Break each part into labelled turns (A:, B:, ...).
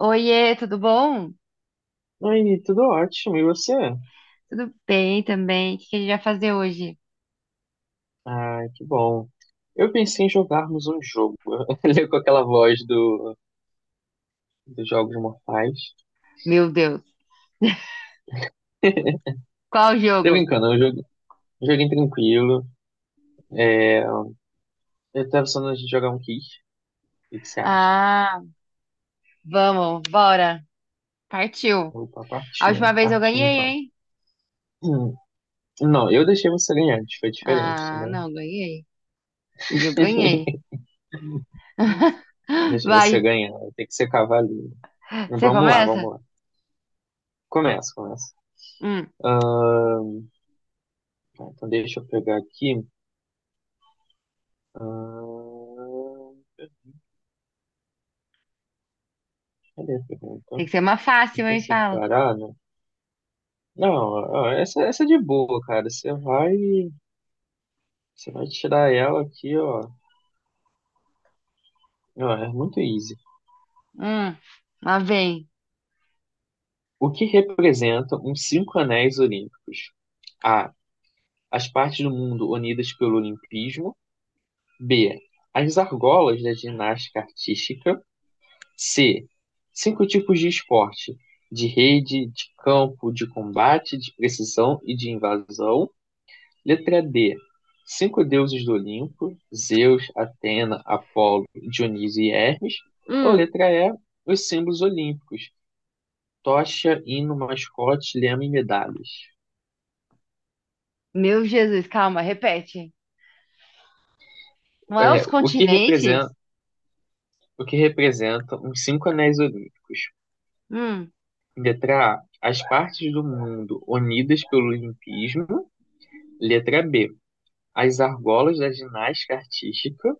A: Oiê, tudo bom?
B: Aí, tudo ótimo. E você?
A: Tudo bem também. O que a gente vai fazer hoje?
B: Ai, que bom. Eu pensei em jogarmos um jogo. Ele com aquela voz dos Jogos Mortais.
A: Meu Deus, qual
B: Tô
A: jogo?
B: brincando, eu joguei, joguinho tranquilo. É, eu tava pensando de jogar um Kiss. O que que você acha?
A: Ah, vamos, bora. Partiu.
B: Opa,
A: A última
B: partiu.
A: vez eu
B: Partiu
A: ganhei,
B: então.
A: hein?
B: Hum. Não, eu deixei você ganhar, foi diferente,
A: Ah,
B: né?
A: não, ganhei. E eu ganhei.
B: Deixei você
A: Vai,
B: ganhar, tem que ser cavaleiro.
A: você
B: Vamos lá,
A: começa?
B: vamos lá. Começa, começa.
A: Hum,
B: Ah, tá, então deixa eu pegar aqui. Ah, cadê a pergunta?
A: Tem que ser uma
B: O
A: fácil,
B: que é
A: hein? Fala.
B: separado? Não, ó, essa é de boa, cara. Você vai tirar ela aqui, ó. Ó, é muito easy.
A: Hum, Lá vem.
B: O que representam os cinco anéis olímpicos? A. As partes do mundo unidas pelo olimpismo. B. As argolas da ginástica artística. C. Cinco tipos de esporte: de rede, de campo, de combate, de precisão e de invasão. Letra D. Cinco deuses do Olimpo, Zeus, Atena, Apolo, Dionísio e Hermes. Ou
A: Hum,
B: letra E. Os símbolos olímpicos, tocha, hino, mascote, lema e medalhas.
A: Meu Jesus, calma, repete. Não é os
B: É, o que
A: continentes?
B: representa, o que representa os cinco anéis olímpicos?
A: Hum,
B: Letra A. As partes do mundo unidas pelo olimpismo. Letra B. As argolas da ginástica artística.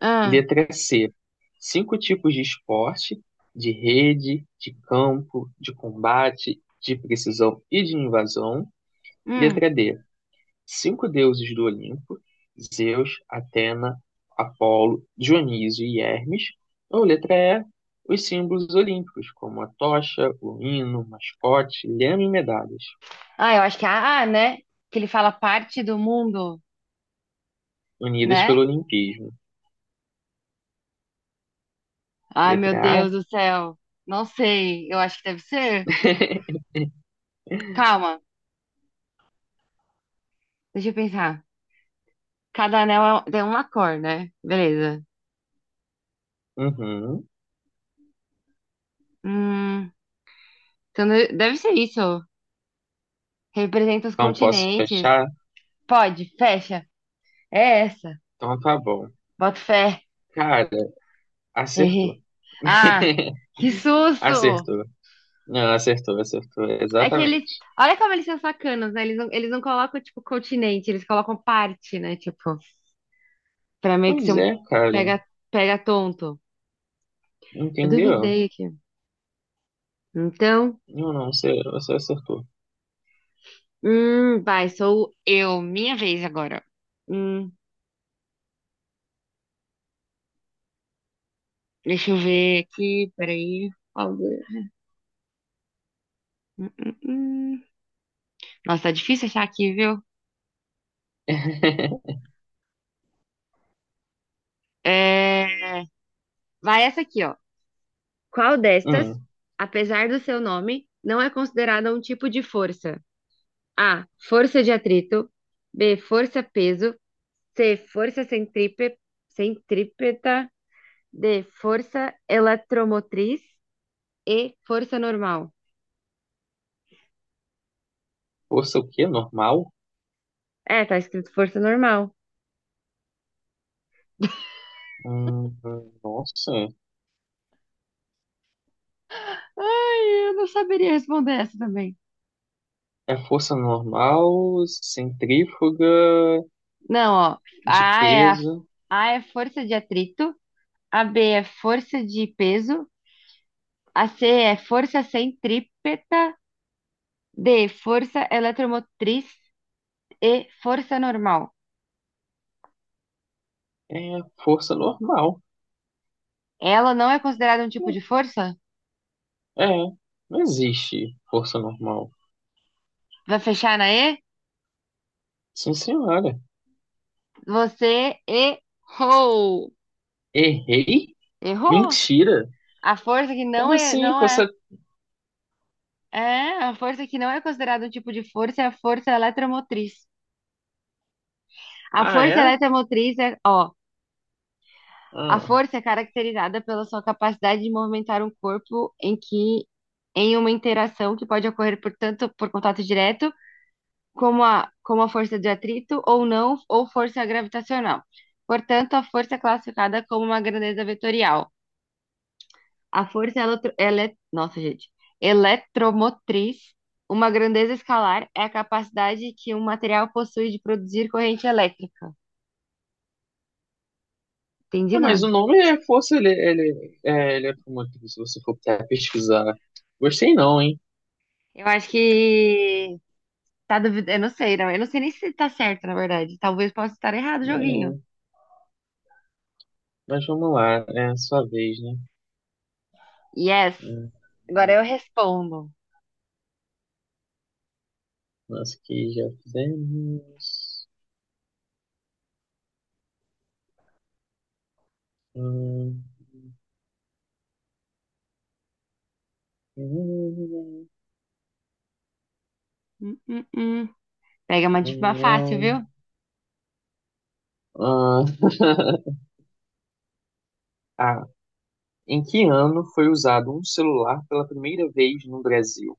A: hum,
B: Letra C. Cinco tipos de esporte, de rede, de campo, de combate, de precisão e de invasão.
A: hum.
B: Letra D. Cinco deuses do Olimpo, Zeus, Atena, Apolo, Dionísio e Hermes. Ou letra E. Os símbolos olímpicos, como a tocha, o hino, mascote, lema e medalhas,
A: Ah, eu acho que é a A, né? Que ele fala parte do mundo,
B: unidas
A: né?
B: pelo olimpismo.
A: Ai, meu
B: Letra
A: Deus
B: A.
A: do céu. Não sei. Eu acho que deve ser. Calma, deixa eu pensar. Cada anel é tem uma cor, né? Beleza.
B: Uhum.
A: Hum, então deve ser isso. Representa os
B: Não posso
A: continentes.
B: fechar?
A: Pode, fecha. É essa.
B: Então tá bom.
A: Bota fé.
B: Cara,
A: Errei.
B: acertou.
A: Ah, que susto!
B: Acertou. Não, acertou, acertou.
A: É que eles.
B: Exatamente.
A: Olha como eles são sacanas, né? Eles não colocam, tipo, continente, eles colocam parte, né? Tipo. Pra meio que ser
B: Pois
A: um
B: é, cara.
A: pega, pega tonto. Eu
B: Entendeu?
A: duvidei aqui. Então,
B: Não, não, você acertou.
A: vai, sou eu. Minha vez agora. Hum, Deixa eu ver aqui, peraí. Qual de- Hum, hum, hum. Nossa, tá difícil achar aqui, viu? É... Vai essa aqui, ó. Qual destas,
B: Hum,
A: apesar do seu nome, não é considerada um tipo de força? A. Força de atrito. B. Força peso. C. Força centrípeta. D. Força eletromotriz e força normal.
B: força o quê? Normal?
A: É, tá escrito força normal.
B: Hum, nossa.
A: Ai, eu não saberia responder essa também.
B: É força normal, centrífuga,
A: Não, ó.
B: de
A: A é, a,
B: peso.
A: a é força de atrito. A B é força de peso. A C é força centrípeta. D, força eletromotriz e força normal.
B: É força normal.
A: Ela não é considerada um tipo
B: Hum,
A: de força?
B: É, não existe força normal.
A: Vai fechar na E?
B: Sim, senhora.
A: Você errou.
B: Errei?
A: Errou.
B: Mentira.
A: A força que não
B: Como
A: é,
B: assim?
A: não é.
B: Força.
A: É, a força que não é considerada um tipo de força é a força eletromotriz. A
B: Ah,
A: força
B: é?
A: eletromotriz é, ó, a
B: Ah.
A: força é caracterizada pela sua capacidade de movimentar um corpo em que em uma interação que pode ocorrer por tanto por contato direto, como a força de atrito ou não, ou força gravitacional. Portanto, a força é classificada como uma grandeza vetorial. A força é Nossa, gente. Eletromotriz. Uma grandeza escalar é a capacidade que um material possui de produzir corrente elétrica. Entendi
B: É, mas o
A: nada.
B: nome é força, ele é como aqui, se você for tentar pesquisar. Gostei não, hein?
A: Eu acho que tá duvidando. Eu não sei, não. Eu não sei nem se tá certo, na verdade. Talvez possa estar errado o joguinho.
B: É, mas vamos lá, é a sua vez, né?
A: Yes.
B: Hum,
A: Agora eu respondo.
B: Nós que já fizemos. Hum, hum.
A: Hum, hum, hum. Pega uma, uma fácil,
B: Não.
A: viu?
B: Ah, ah, em que ano foi usado um celular pela primeira vez no Brasil?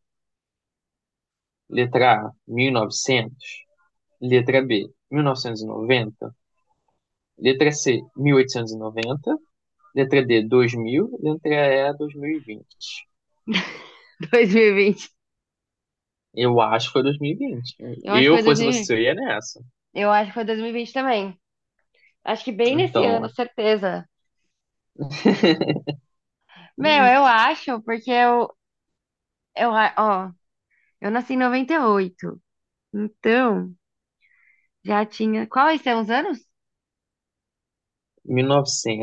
B: Letra A, 1900. Letra B, 1990. Letra C, 1890. Letra D, 2000. Letra E, 2020.
A: 2020.
B: Eu acho que foi 2020.
A: Eu acho que
B: Eu
A: foi
B: fosse
A: 2020.
B: você, eu ia nessa.
A: Eu acho que foi 2020 também. Acho que bem nesse
B: Então,
A: ano,
B: ó,
A: certeza. Meu,
B: mil
A: eu acho, porque eu, ó, eu nasci em 98. Então, já tinha. Quais são os anos?
B: e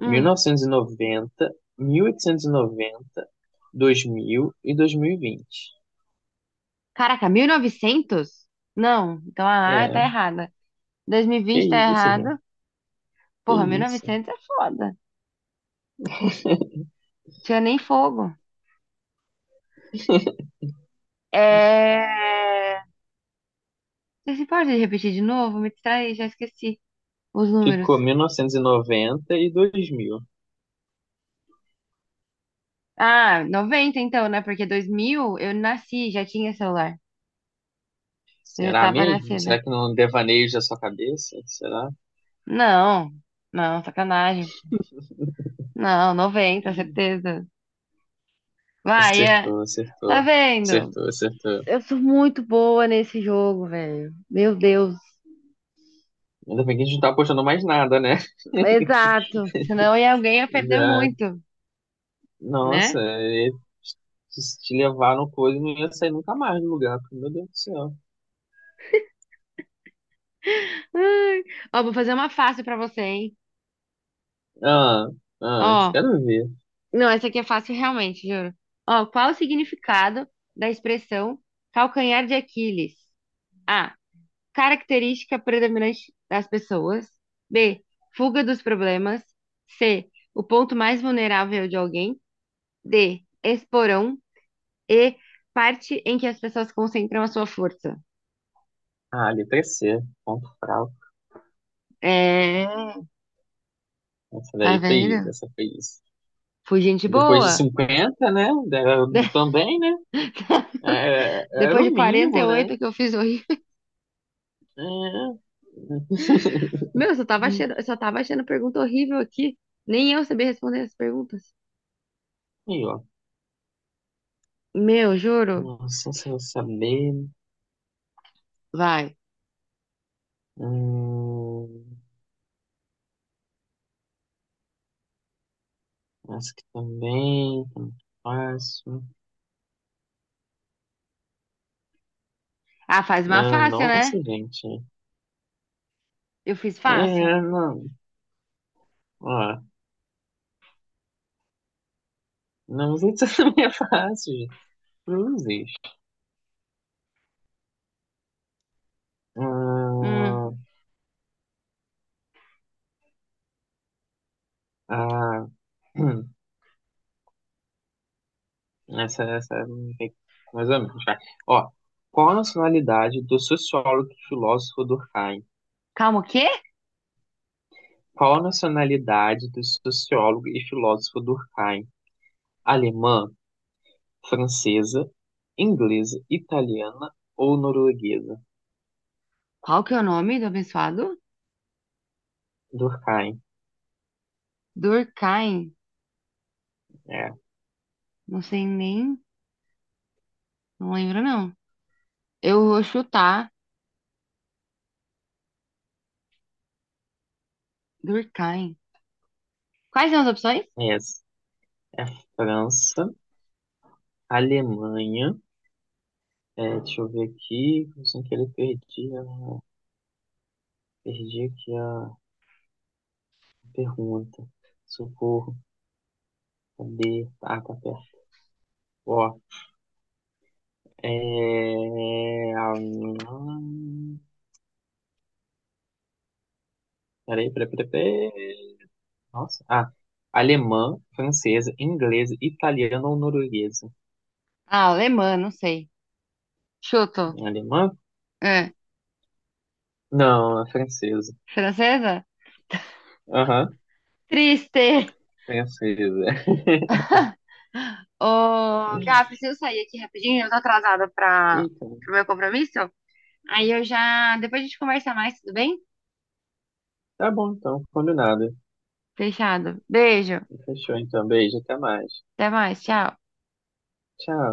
A: Hum.
B: 1990, mil 2000 e noventa dois dois mil mil e 2020.
A: Caraca, 1900. Não. Então, ah, tá
B: É,
A: errada. dois mil e
B: que
A: vinte tá
B: isso, gente.
A: errado.
B: Que
A: Porra, mil e
B: isso.
A: novecentos é foda. Não tinha nem fogo. É. Você se pode repetir de novo? Me distraí, já esqueci os números.
B: Ficou 1990 e 2000.
A: Ah, 90 então, né? Porque 2000 eu nasci, já tinha celular. Eu já
B: Será
A: tava
B: mesmo?
A: nascida.
B: Será que não devaneio da sua cabeça? Será?
A: Não, não, sacanagem. Não, 90 certeza. Vai, é.
B: Acertou,
A: Tá
B: acertou.
A: vendo?
B: Acertou, acertou.
A: Eu sou muito boa nesse jogo, velho. Meu Deus.
B: Ainda bem que a gente não tá apostando mais nada, né?
A: Exato. Senão alguém ia perder
B: Já,
A: muito, né?
B: nossa, se te levar no coisa, não ia sair nunca mais do lugar, porque, meu Deus do céu.
A: Ai. Ó, vou fazer uma fácil pra você, hein?
B: Ah, ah, isso
A: Ó,
B: quero ver.
A: não, essa aqui é fácil realmente, juro. Ó, qual o significado da expressão calcanhar de Aquiles? A. Característica predominante das pessoas. B. Fuga dos problemas. C. O ponto mais vulnerável de alguém. D. Esporão. E parte em que as pessoas concentram a sua força.
B: Ah, letra C, ponto fraco.
A: É,
B: Essa
A: tá
B: daí foi isso,
A: vendo?
B: essa foi isso.
A: Fui gente
B: Depois de
A: boa.
B: 50, né?
A: De-
B: Também, né? É, era
A: Depois de
B: o
A: quarenta e
B: mínimo, né?
A: oito que eu fiz horrível.
B: É.
A: Meu, eu só tava achando pergunta horrível aqui. Nem eu sabia responder as perguntas.
B: Aí, ó.
A: Meu, juro.
B: Nossa, se eu vou saber.
A: Vai.
B: Hum, essa aqui também, tá muito fácil.
A: Ah, faz uma
B: Ah,
A: fácil, né?
B: nossa, gente.
A: Eu fiz fácil.
B: É, não, ó, não sei se também é fácil. Gente. Cruzes.
A: Hum.
B: Hum, ah, hum, essa é mais ou menos, vai. Ó, qual a nacionalidade do sociólogo e filósofo Durkheim?
A: Calma, o quê?
B: Qual a nacionalidade do sociólogo e filósofo Durkheim? Alemã, francesa, inglesa, italiana ou norueguesa?
A: Qual que é o nome do abençoado?
B: Durkheim,
A: Durkheim.
B: é,
A: Não sei nem. Não lembro, não. Eu vou chutar Durkheim. Quais são as opções?
B: é, é França, Alemanha. Deixa eu ver aqui, sem querer perdi, perdi aqui a pergunta. Socorro, cadê? Ah, tá perto. Ó, é... hum, peraí, peraí, peraí, peraí. Nossa, ah, alemã, francesa, inglesa, italiana ou norueguesa?
A: Ah, alemã, não sei. Chuto.
B: É alemã?
A: É.
B: Não, é francesa.
A: Francesa?
B: Aham,
A: Triste.
B: francesa.
A: Ô, Gá, preciso sair aqui rapidinho. Eu tô atrasada para
B: Eita,
A: o meu compromisso. Aí eu já. Depois a gente conversa mais, tudo bem?
B: tá bom então, combinado.
A: Fechado. Beijo.
B: Fechou então, beijo, até mais.
A: Até mais. Tchau.
B: Tchau.